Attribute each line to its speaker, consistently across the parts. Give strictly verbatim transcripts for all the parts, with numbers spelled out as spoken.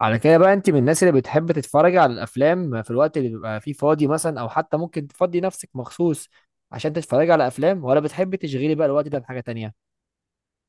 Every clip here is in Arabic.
Speaker 1: على كده بقى، انت من الناس اللي بتحب تتفرج على الافلام في الوقت اللي بيبقى فيه فاضي مثلا، او حتى ممكن تفضي نفسك مخصوص عشان تتفرج على افلام، ولا بتحب تشغلي بقى الوقت ده بحاجه تانية؟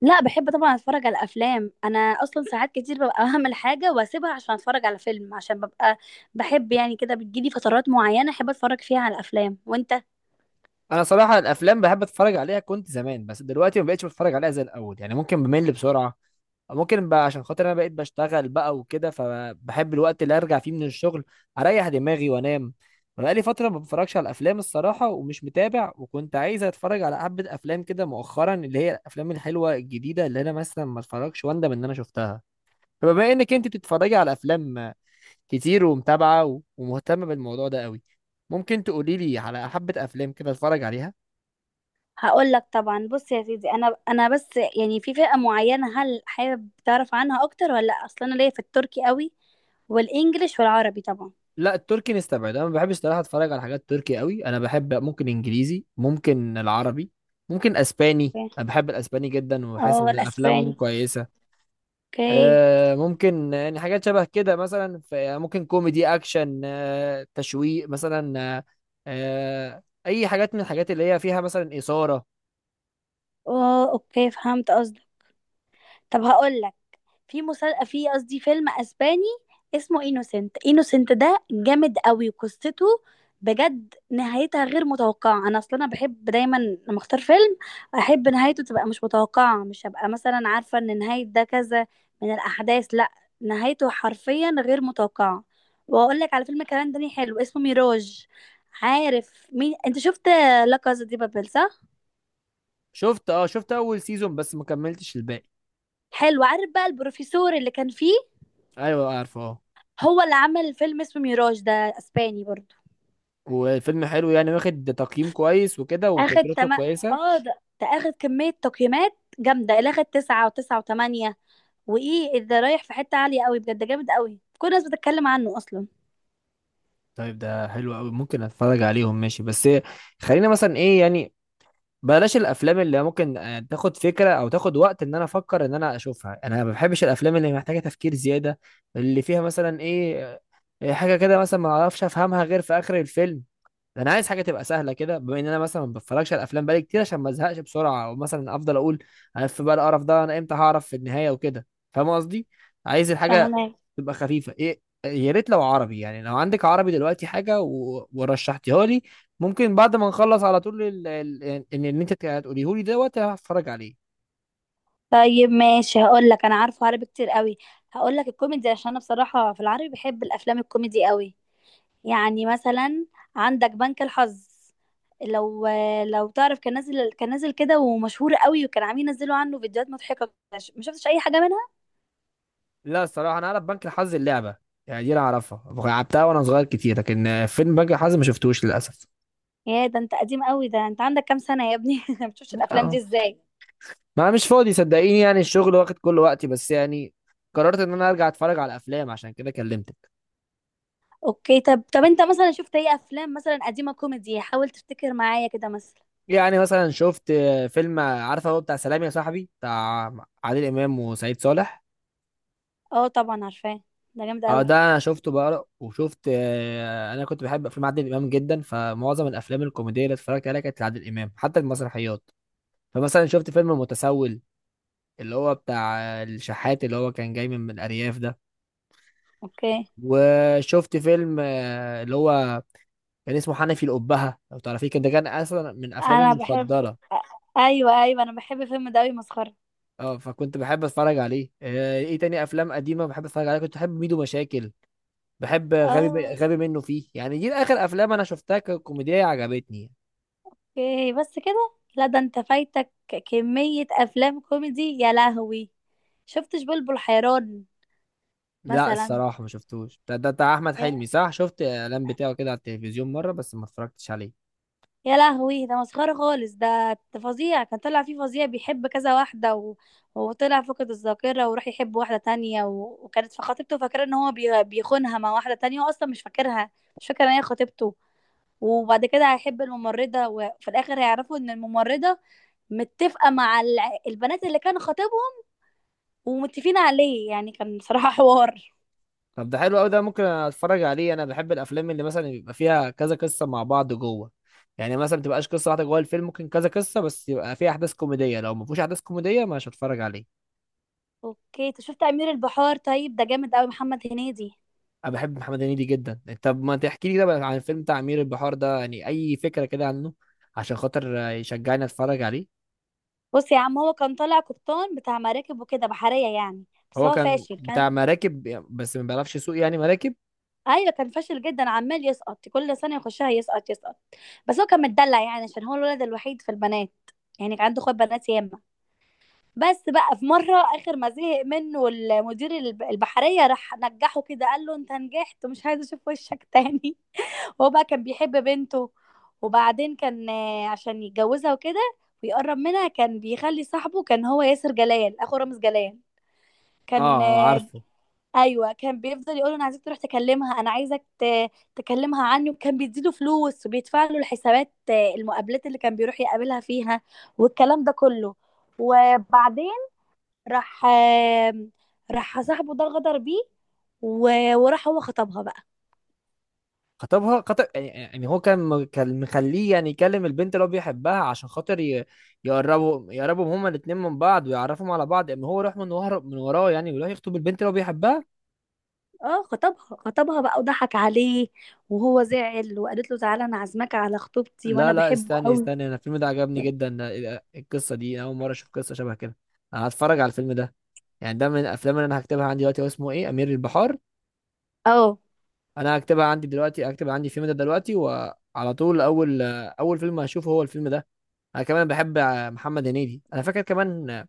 Speaker 2: لا، بحب طبعا اتفرج على افلام. انا اصلا ساعات كتير ببقى هعمل حاجه واسيبها عشان اتفرج على فيلم، عشان ببقى بحب، يعني كده بتجيلي فترات معينه احب اتفرج فيها على افلام. وانت؟
Speaker 1: انا صراحه الافلام بحب اتفرج عليها كنت زمان، بس دلوقتي ما بقتش بتفرج عليها زي الاول، يعني ممكن بمل بسرعه. ممكن بقى عشان خاطر انا بقيت بشتغل بقى وكده، فبحب الوقت اللي ارجع فيه من الشغل اريح دماغي وانام. انا بقالي فتره ما بتفرجش على افلام الصراحه، ومش متابع، وكنت عايز اتفرج على حبه افلام كده مؤخرا، اللي هي الافلام الحلوه الجديده اللي انا مثلا ما اتفرجش واندم ان انا شفتها. فبما انك انت بتتفرجي على افلام كتير ومتابعه و- ومهتمه بالموضوع ده قوي، ممكن تقولي لي على حبه افلام كده اتفرج عليها؟
Speaker 2: هقول لك طبعا. بص يا سيدي، انا انا بس يعني في فئه معينه، هل حابب تعرف عنها اكتر ولا لا؟ اصلا انا ليا في التركي قوي والانجليش والعربي طبعا.
Speaker 1: لا، التركي نستبعد، انا ما بحبش صراحه اتفرج على حاجات تركي قوي. انا بحب ممكن انجليزي، ممكن العربي، ممكن اسباني.
Speaker 2: اوكي.
Speaker 1: انا بحب الاسباني جدا وحاسس
Speaker 2: اه،
Speaker 1: ان افلامهم
Speaker 2: والاسباني.
Speaker 1: كويسه.
Speaker 2: اوكي.
Speaker 1: آه ممكن يعني حاجات شبه كده، مثلا ف- يعني ممكن كوميدي، اكشن، آه تشويق مثلا، آه آه، اي حاجات من الحاجات اللي هي فيها مثلا اثاره.
Speaker 2: اه، اوكي، فهمت قصدك. طب هقول لك. في مسل... في قصدي فيلم اسباني اسمه انوسنت. انوسنت ده جامد قوي قصته بجد، نهايتها غير متوقعة. أنا أصلا أنا بحب دايما لما أختار فيلم أحب نهايته تبقى مش متوقعة. مش هبقى مثلا عارفة إن نهاية ده كذا من الأحداث، لأ، نهايته حرفيا غير متوقعة. وأقول لك على فيلم كمان تاني حلو اسمه ميراج. عارف مين أنت؟ شفت لا كازا دي بابل؟ صح؟
Speaker 1: شفت اه شفت اول سيزون، بس ما كملتش الباقي.
Speaker 2: حلو. عارف بقى البروفيسور اللي كان فيه؟
Speaker 1: ايوه عارفه، اه.
Speaker 2: هو اللي عمل فيلم اسمه ميراج ده، أسباني برضه.
Speaker 1: والفيلم حلو يعني، واخد تقييم كويس وكده،
Speaker 2: اخد
Speaker 1: وفكرته
Speaker 2: تم...
Speaker 1: كويسه.
Speaker 2: اه، ده, ده اخد كمية تقييمات جامدة، اللي اخد تسعة وتسعة وتمانية. وايه، ده رايح في حتة عالية قوي بجد، جامد قوي، كل الناس بتتكلم عنه اصلا.
Speaker 1: طيب، ده حلو قوي، ممكن اتفرج عليهم، ماشي. بس خلينا مثلا ايه يعني، بلاش الافلام اللي ممكن آه، تاخد فكره او تاخد وقت ان انا افكر ان انا اشوفها. انا ما بحبش الافلام اللي محتاجه تفكير زياده، اللي فيها مثلا ايه، آه، حاجه كده مثلا ما اعرفش افهمها غير في اخر الفيلم. انا عايز حاجه تبقى سهله كده، بما ان انا مثلا ما بتفرجش على الافلام بقالي كتير، عشان ما ازهقش بسرعه، او مثلا افضل اقول انا في بقى القرف ده، انا امتى هعرف في النهايه وكده. فاهم قصدي؟ عايز الحاجه
Speaker 2: فاهمة.
Speaker 1: تبقى خفيفه. ايه، يا ريت لو عربي، يعني لو عندك عربي دلوقتي حاجه و... ورشحتيها لي، ممكن بعد ما نخلص على طول ال... ال... ان ان إن انت هتقوليه لي دوت هتفرج عليه.
Speaker 2: طيب ماشي، هقول لك. انا عارفه عربي كتير قوي. هقول لك الكوميدي، عشان انا بصراحة في العربي بحب الافلام الكوميدي قوي. يعني مثلا عندك بنك الحظ، لو لو تعرف. كان نازل كان نازل كده ومشهور قوي، وكان عاملين ينزلوا عنه فيديوهات مضحكة. ما شفتش اي حاجة منها.
Speaker 1: لا الصراحه، انا اعرف بنك الحظ اللعبه، يعني دي انا اعرفها لعبتها وانا صغير كتير، لكن آه، فيلم بنك الحظ ما شفتوش للاسف.
Speaker 2: يا، ده انت قديم قوي! ده انت عندك كام سنة يا ابني؟ ما بتشوفش الافلام دي ازاي؟
Speaker 1: ما مش فاضي صدقيني، يعني الشغل واخد كل وقتي، بس يعني قررت ان انا ارجع اتفرج على افلام، عشان كده كلمتك.
Speaker 2: اوكي. طب طب انت مثلا شفت ايه افلام مثلا قديمة كوميدي؟ حاول تفتكر معايا كده مثلا.
Speaker 1: يعني مثلا شفت آه، فيلم آه، عارفه، هو بتاع سلام يا صاحبي، بتاع عادل امام وسعيد صالح.
Speaker 2: اه، طبعا عارفاه، ده جامد
Speaker 1: اه، ده
Speaker 2: قوي.
Speaker 1: انا شفته بقى، وشفت آه، انا كنت بحب افلام عادل امام جدا، فمعظم الافلام الكوميديه اللي اتفرجت عليها كانت لعادل امام، حتى المسرحيات. فمثلا شفت فيلم المتسول، اللي هو بتاع آه، الشحات اللي هو كان جاي من من الارياف ده.
Speaker 2: اوكي،
Speaker 1: وشفت فيلم آه، اللي هو كان اسمه حنفي الأبهة، لو تعرفيه، كان ده كان أصلا من أفلامي
Speaker 2: انا بحب.
Speaker 1: المفضلة.
Speaker 2: ايوه، ايوه، انا بحب الفيلم ده قوي، مسخرة.
Speaker 1: اه، فكنت بحب أتفرج عليه. آه، إيه تاني أفلام قديمة بحب أتفرج عليها، كنت بحب ميدو مشاكل، بحب غبي
Speaker 2: اه،
Speaker 1: غبي منه فيه، يعني دي آخر أفلام أنا شفتها ككوميدية عجبتني.
Speaker 2: اوكي. بس كده؟ لا، ده انت فايتك كمية افلام كوميدي، يا لهوي! شفتش بلبل حيران
Speaker 1: لا
Speaker 2: مثلا؟
Speaker 1: الصراحة ما شفتوش ده ده بتاع أحمد حلمي صح، شفت الإعلان بتاعه كده على التلفزيون مرة، بس ما اتفرجتش عليه.
Speaker 2: يا لهوي، ده مسخرة خالص. ده فظيع، كان طلع فيه فظيع بيحب كذا واحدة، و... وطلع فقد الذاكرة وراح يحب واحدة تانية، و... وكانت في خطيبته فاكرة ان هو بي... بيخونها مع واحدة تانية، واصلا مش فاكرها، مش فاكرة ان هي خطيبته. وبعد كده هيحب الممرضة، وفي الآخر هيعرفوا ان الممرضة متفقة مع الع- البنات اللي كان خطيبهم، ومتفقين عليه. يعني كان صراحة حوار.
Speaker 1: طب ده حلو قوي، ده ممكن اتفرج عليه. انا بحب الافلام اللي مثلا بيبقى فيها كذا قصه مع بعض جوه، يعني مثلا ما تبقاش قصه واحده جوه الفيلم، ممكن كذا قصه بس يبقى فيها احداث كوميديه. لو ما فيهوش احداث كوميديه مش هتفرج عليه.
Speaker 2: اوكي، انت شفت أمير البحار؟ طيب ده جامد قوي، محمد هنيدي.
Speaker 1: انا بحب محمد هنيدي جدا. طب ما تحكي لي كده بقى عن الفيلم بتاع امير البحار ده، يعني اي فكره كده عنه، عشان خاطر يشجعني اتفرج عليه.
Speaker 2: بص يا عم، هو كان طالع قبطان بتاع مراكب وكده، بحرية يعني، بس
Speaker 1: هو
Speaker 2: هو
Speaker 1: كان
Speaker 2: فاشل
Speaker 1: بتاع
Speaker 2: كان.
Speaker 1: مراكب، بس ما بيعرفش يسوق يعني مراكب.
Speaker 2: ايوه، كان فاشل جدا، عمال يسقط كل سنة يخشها، يسقط يسقط. بس هو كان متدلع يعني، عشان هو الولد الوحيد في البنات، يعني كان عنده اخوات بنات ياما. بس بقى في مرة، اخر ما زهق منه المدير الب- البحرية، راح نجحه كده، قال له انت نجحت ومش عايز اشوف وشك تاني. هو بقى كان بيحب بنته، وبعدين كان، آه، عشان يتجوزها وكده ويقرب منها، كان بيخلي صاحبه، كان هو ياسر جلال اخو رامز جلال،
Speaker 1: اه،
Speaker 2: كان
Speaker 1: آه،
Speaker 2: آه،
Speaker 1: عارفه.
Speaker 2: ايوه، كان بيفضل يقول انا عايزك تروح تكلمها، انا عايزك ت- تكلمها عني، وكان بيديله فلوس وبيدفع له الحسابات، آه، المقابلات اللي كان بيروح يقابلها فيها والكلام ده كله. وبعدين راح، آه، راح صاحبه ده غدر بيه، و- وراح هو خطبها بقى.
Speaker 1: خطبها خطب يعني يعني هو كان م- كان مخليه يعني يكلم البنت اللي هو بيحبها عشان خاطر ي- يقربوا يقربوا هما الاتنين من بعض ويعرفهم على بعض، اما هو يروح من ورا من وراه يعني، ويروح يخطب البنت اللي هو بيحبها.
Speaker 2: اه، خطبها خطبها بقى وضحك عليه، وهو زعل. وقالت له تعالى، انا عازمك على خطوبتي،
Speaker 1: لا
Speaker 2: وانا
Speaker 1: لا،
Speaker 2: بحبه
Speaker 1: استني
Speaker 2: قوي.
Speaker 1: استني، انا الفيلم ده عجبني جدا. ده- إيه ده؟ القصة دي اول مرة اشوف قصة شبه كده. انا هتفرج على الفيلم ده، يعني ده من الافلام اللي انا هكتبها عندي دلوقتي. هو اسمه ايه، امير البحار؟
Speaker 2: اه،
Speaker 1: انا هكتبها عندي دلوقتي، هكتب عندي الفيلم ده دلوقتي، وعلى طول اول اول فيلم هشوفه هو الفيلم ده. انا كمان بحب محمد هنيدي. انا فاكر كمان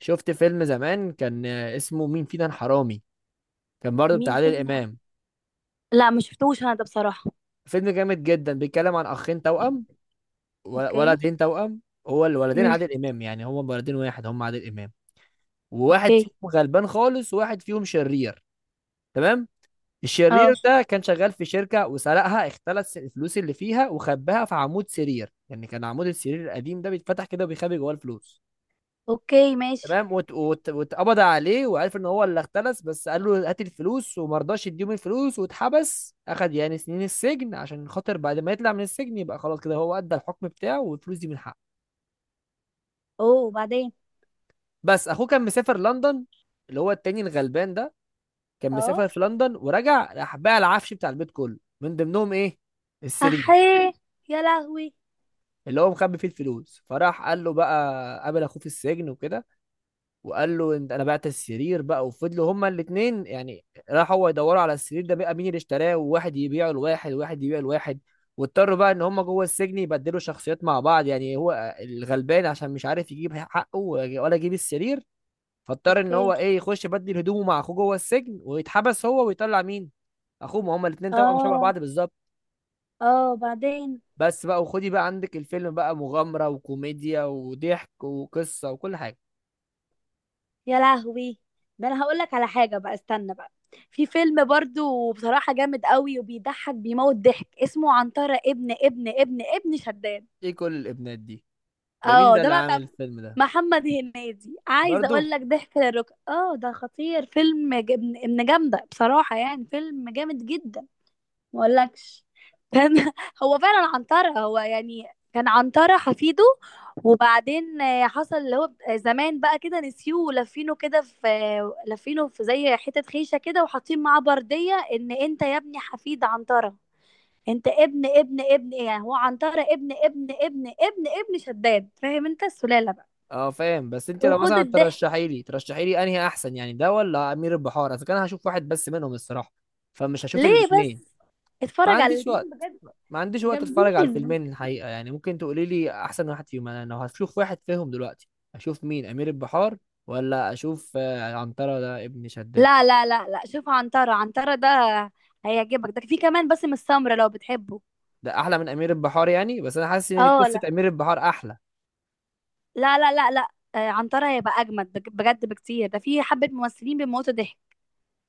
Speaker 1: شفت فيلم زمان كان آه، اسمه مين فينا الحرامي، كان برضه بتاع
Speaker 2: مين
Speaker 1: عادل
Speaker 2: فيلم؟
Speaker 1: امام.
Speaker 2: لا، ما شفتوش انا ده بصراحة.
Speaker 1: فيلم جامد جدا، بيتكلم عن اخين توأم، و-
Speaker 2: اوكي.
Speaker 1: ولدين توأم. هو الولدين
Speaker 2: امم،
Speaker 1: عادل امام، يعني هما ولدين واحد، هما عادل امام. وواحد
Speaker 2: اوكي.
Speaker 1: فيهم غلبان خالص، وواحد فيهم شرير. تمام.
Speaker 2: اه،
Speaker 1: الشرير ده كان شغال في شركة وسرقها، اختلس الفلوس اللي فيها وخباها في عمود سرير. يعني كان عمود السرير القديم ده بيتفتح كده وبيخبي جواه الفلوس.
Speaker 2: اوكي، ماشي.
Speaker 1: تمام، وات- وات- واتقبض عليه وعرف ان هو اللي اختلس. بس قال له هات الفلوس، وما رضاش يديهم الفلوس، واتحبس، اخد يعني سنين السجن، عشان خاطر بعد ما يطلع من السجن يبقى خلاص كده، هو ادى الحكم بتاعه والفلوس دي من حقه.
Speaker 2: اوه، وبعدين؟
Speaker 1: بس اخوه كان مسافر لندن، اللي هو التاني الغلبان ده، كان
Speaker 2: اه،
Speaker 1: مسافر في لندن. ورجع، راح باع العفش بتاع البيت كله، من ضمنهم ايه، السرير
Speaker 2: احيه! يا لهوي!
Speaker 1: اللي هو مخبي فيه الفلوس. فراح قال له بقى، قابل اخوه في السجن وكده وقال له انت انا بعت السرير بقى. وفضلوا هما الاثنين يعني، راح هو يدوروا على السرير ده بقى، مين اللي اشتراه، وواحد يبيعه لواحد، وواحد يبيعه لواحد. واضطروا بقى ان هما جوه السجن يبدلوا شخصيات مع بعض، يعني هو الغلبان عشان مش عارف يجيب حقه ولا يجيب السرير، فاضطر ان
Speaker 2: اوكي.
Speaker 1: هو ايه، يخش يبدل هدومه مع اخوه جوه السجن ويتحبس هو ويطلع مين، اخوه، ما هما الاثنين توأم شبه
Speaker 2: اه،
Speaker 1: بعض بالظبط.
Speaker 2: اه، بعدين؟
Speaker 1: بس بقى وخدي بقى عندك، الفيلم بقى مغامرة وكوميديا وضحك وقصة وكل حاجة.
Speaker 2: يا لهوي، ده انا هقول لك على حاجه بقى، استنى بقى. في فيلم برضو بصراحه جامد قوي، وبيضحك بيموت ضحك، اسمه عنترة ابن ابن ابن ابن شداد.
Speaker 1: ايه كل الابنات دي؟ ده مين
Speaker 2: اه،
Speaker 1: ده
Speaker 2: ده
Speaker 1: اللي
Speaker 2: بقى
Speaker 1: عامل
Speaker 2: كان
Speaker 1: الفيلم ده؟
Speaker 2: محمد هنيدي، عايزه
Speaker 1: برضو؟
Speaker 2: اقول لك ضحك للركب. اه، ده خطير، فيلم ج- ابن ابن جامده بصراحه، يعني فيلم جامد جدا. ما اقولكش، كان هو فعلا عنترة هو يعني، كان عنترة حفيده. وبعدين آه، حصل اللي هو زمان بقى كده نسيوه، ولفينه كده في لفينه في زي حتة خيشة كده، وحاطين معاه بردية ان انت يا ابني حفيد عنترة، انت ابن ابن ابن ايه، يعني هو عنترة ابن ابن ابن ابن ابن شداد، فاهم انت السلالة بقى؟
Speaker 1: اه فاهم. بس انت لو
Speaker 2: وخد
Speaker 1: مثلا
Speaker 2: الضحك.
Speaker 1: ترشحي لي ترشحي لي انهي احسن، يعني ده ولا امير البحار، اذا كان هشوف واحد بس منهم الصراحه، فمش هشوف
Speaker 2: ليه
Speaker 1: الاثنين.
Speaker 2: بس؟
Speaker 1: ما
Speaker 2: اتفرج على
Speaker 1: عنديش
Speaker 2: الاتنين
Speaker 1: وقت،
Speaker 2: بجد،
Speaker 1: ما عنديش وقت اتفرج على
Speaker 2: جامدين.
Speaker 1: الفيلمين الحقيقه يعني. ممكن تقولي لي احسن واحد فيهم؟ انا لو هشوف واحد فيهم دلوقتي، اشوف مين، امير البحار، ولا اشوف آه، عنترة ده ابن شداد؟
Speaker 2: لا لا لا لا، شوف عنترة. عنترة ده هيعجبك، ده في كمان باسم السمرة لو بتحبه.
Speaker 1: ده احلى من امير البحار يعني؟ بس انا حاسس ان
Speaker 2: اه،
Speaker 1: قصه
Speaker 2: لا
Speaker 1: امير البحار احلى.
Speaker 2: لا لا لا لا، آه، عنترة هيبقى أجمد بج- بجد بكتير، ده في حبة ممثلين بيموتوا ضحك.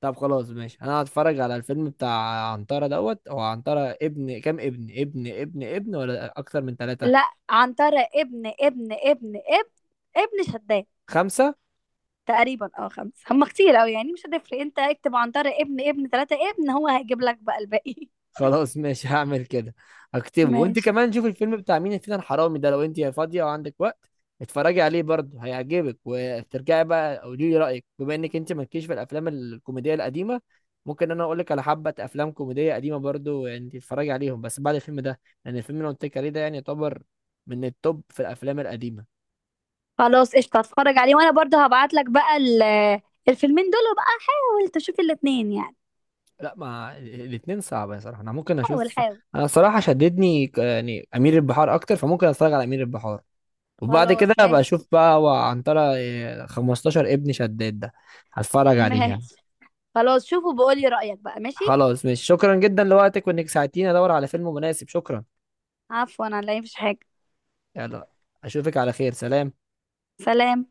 Speaker 1: طب خلاص ماشي، انا هتفرج على الفيلم بتاع عنترة دوت. هو عنترة ابن كام، ابن ابن ابن ابن، ولا اكتر من ثلاثة؟
Speaker 2: لا، عنترة ابن ابن ابن ابن ابن شداد
Speaker 1: خمسة؟
Speaker 2: تقريبا. اه، خمسة. هم كتير أوي يعني، مش هتفرق، انت اكتب عنترة ابن ابن تلاتة ابن، هو هيجيب لك بقى الباقي.
Speaker 1: خلاص ماشي هعمل كده، هكتبه. وانت
Speaker 2: ماشي.
Speaker 1: كمان شوف الفيلم بتاع مين فينا الحرامي ده، لو انت فاضية وعندك وقت، اتفرجي عليه برضه، هيعجبك، وترجعي بقى قولي لي رأيك، بما انك انت مالكيش في الافلام الكوميدية القديمة. ممكن انا اقول لك على حبة افلام كوميدية قديمة برضه، انت تتفرجي عليهم، بس بعد الفيلم ده، لان الفيلم اللي أنا قلت لك عليه ده يعني يعتبر من التوب في الافلام القديمة.
Speaker 2: خلاص قشطة، هتفرج عليه. وأنا برضه هبعت لك بقى ال- الفيلمين دول، وبقى حاول تشوف الاتنين يعني.
Speaker 1: لا، ما الاثنين صعبة صراحة. انا ممكن
Speaker 2: حاول
Speaker 1: اشوف،
Speaker 2: حاول.
Speaker 1: انا صراحة شددني ك- يعني امير البحار اكتر، فممكن اتفرج على امير البحار، وبعد كده
Speaker 2: خلاص
Speaker 1: ابقى
Speaker 2: ماشي.
Speaker 1: اشوف بقى. وعنترة إيه، خمستاشر ابن شداد ده هتفرج عليه يعني.
Speaker 2: ماشي، خلاص، شوفوا بقولي رأيك بقى، ماشي.
Speaker 1: خلاص ماشي، شكرا جدا لوقتك، وانك ساعدتيني ادور على فيلم مناسب. شكرا.
Speaker 2: عفوا، انا لا، مفيش حاجة.
Speaker 1: يلا، اشوفك على خير، سلام.
Speaker 2: سلام.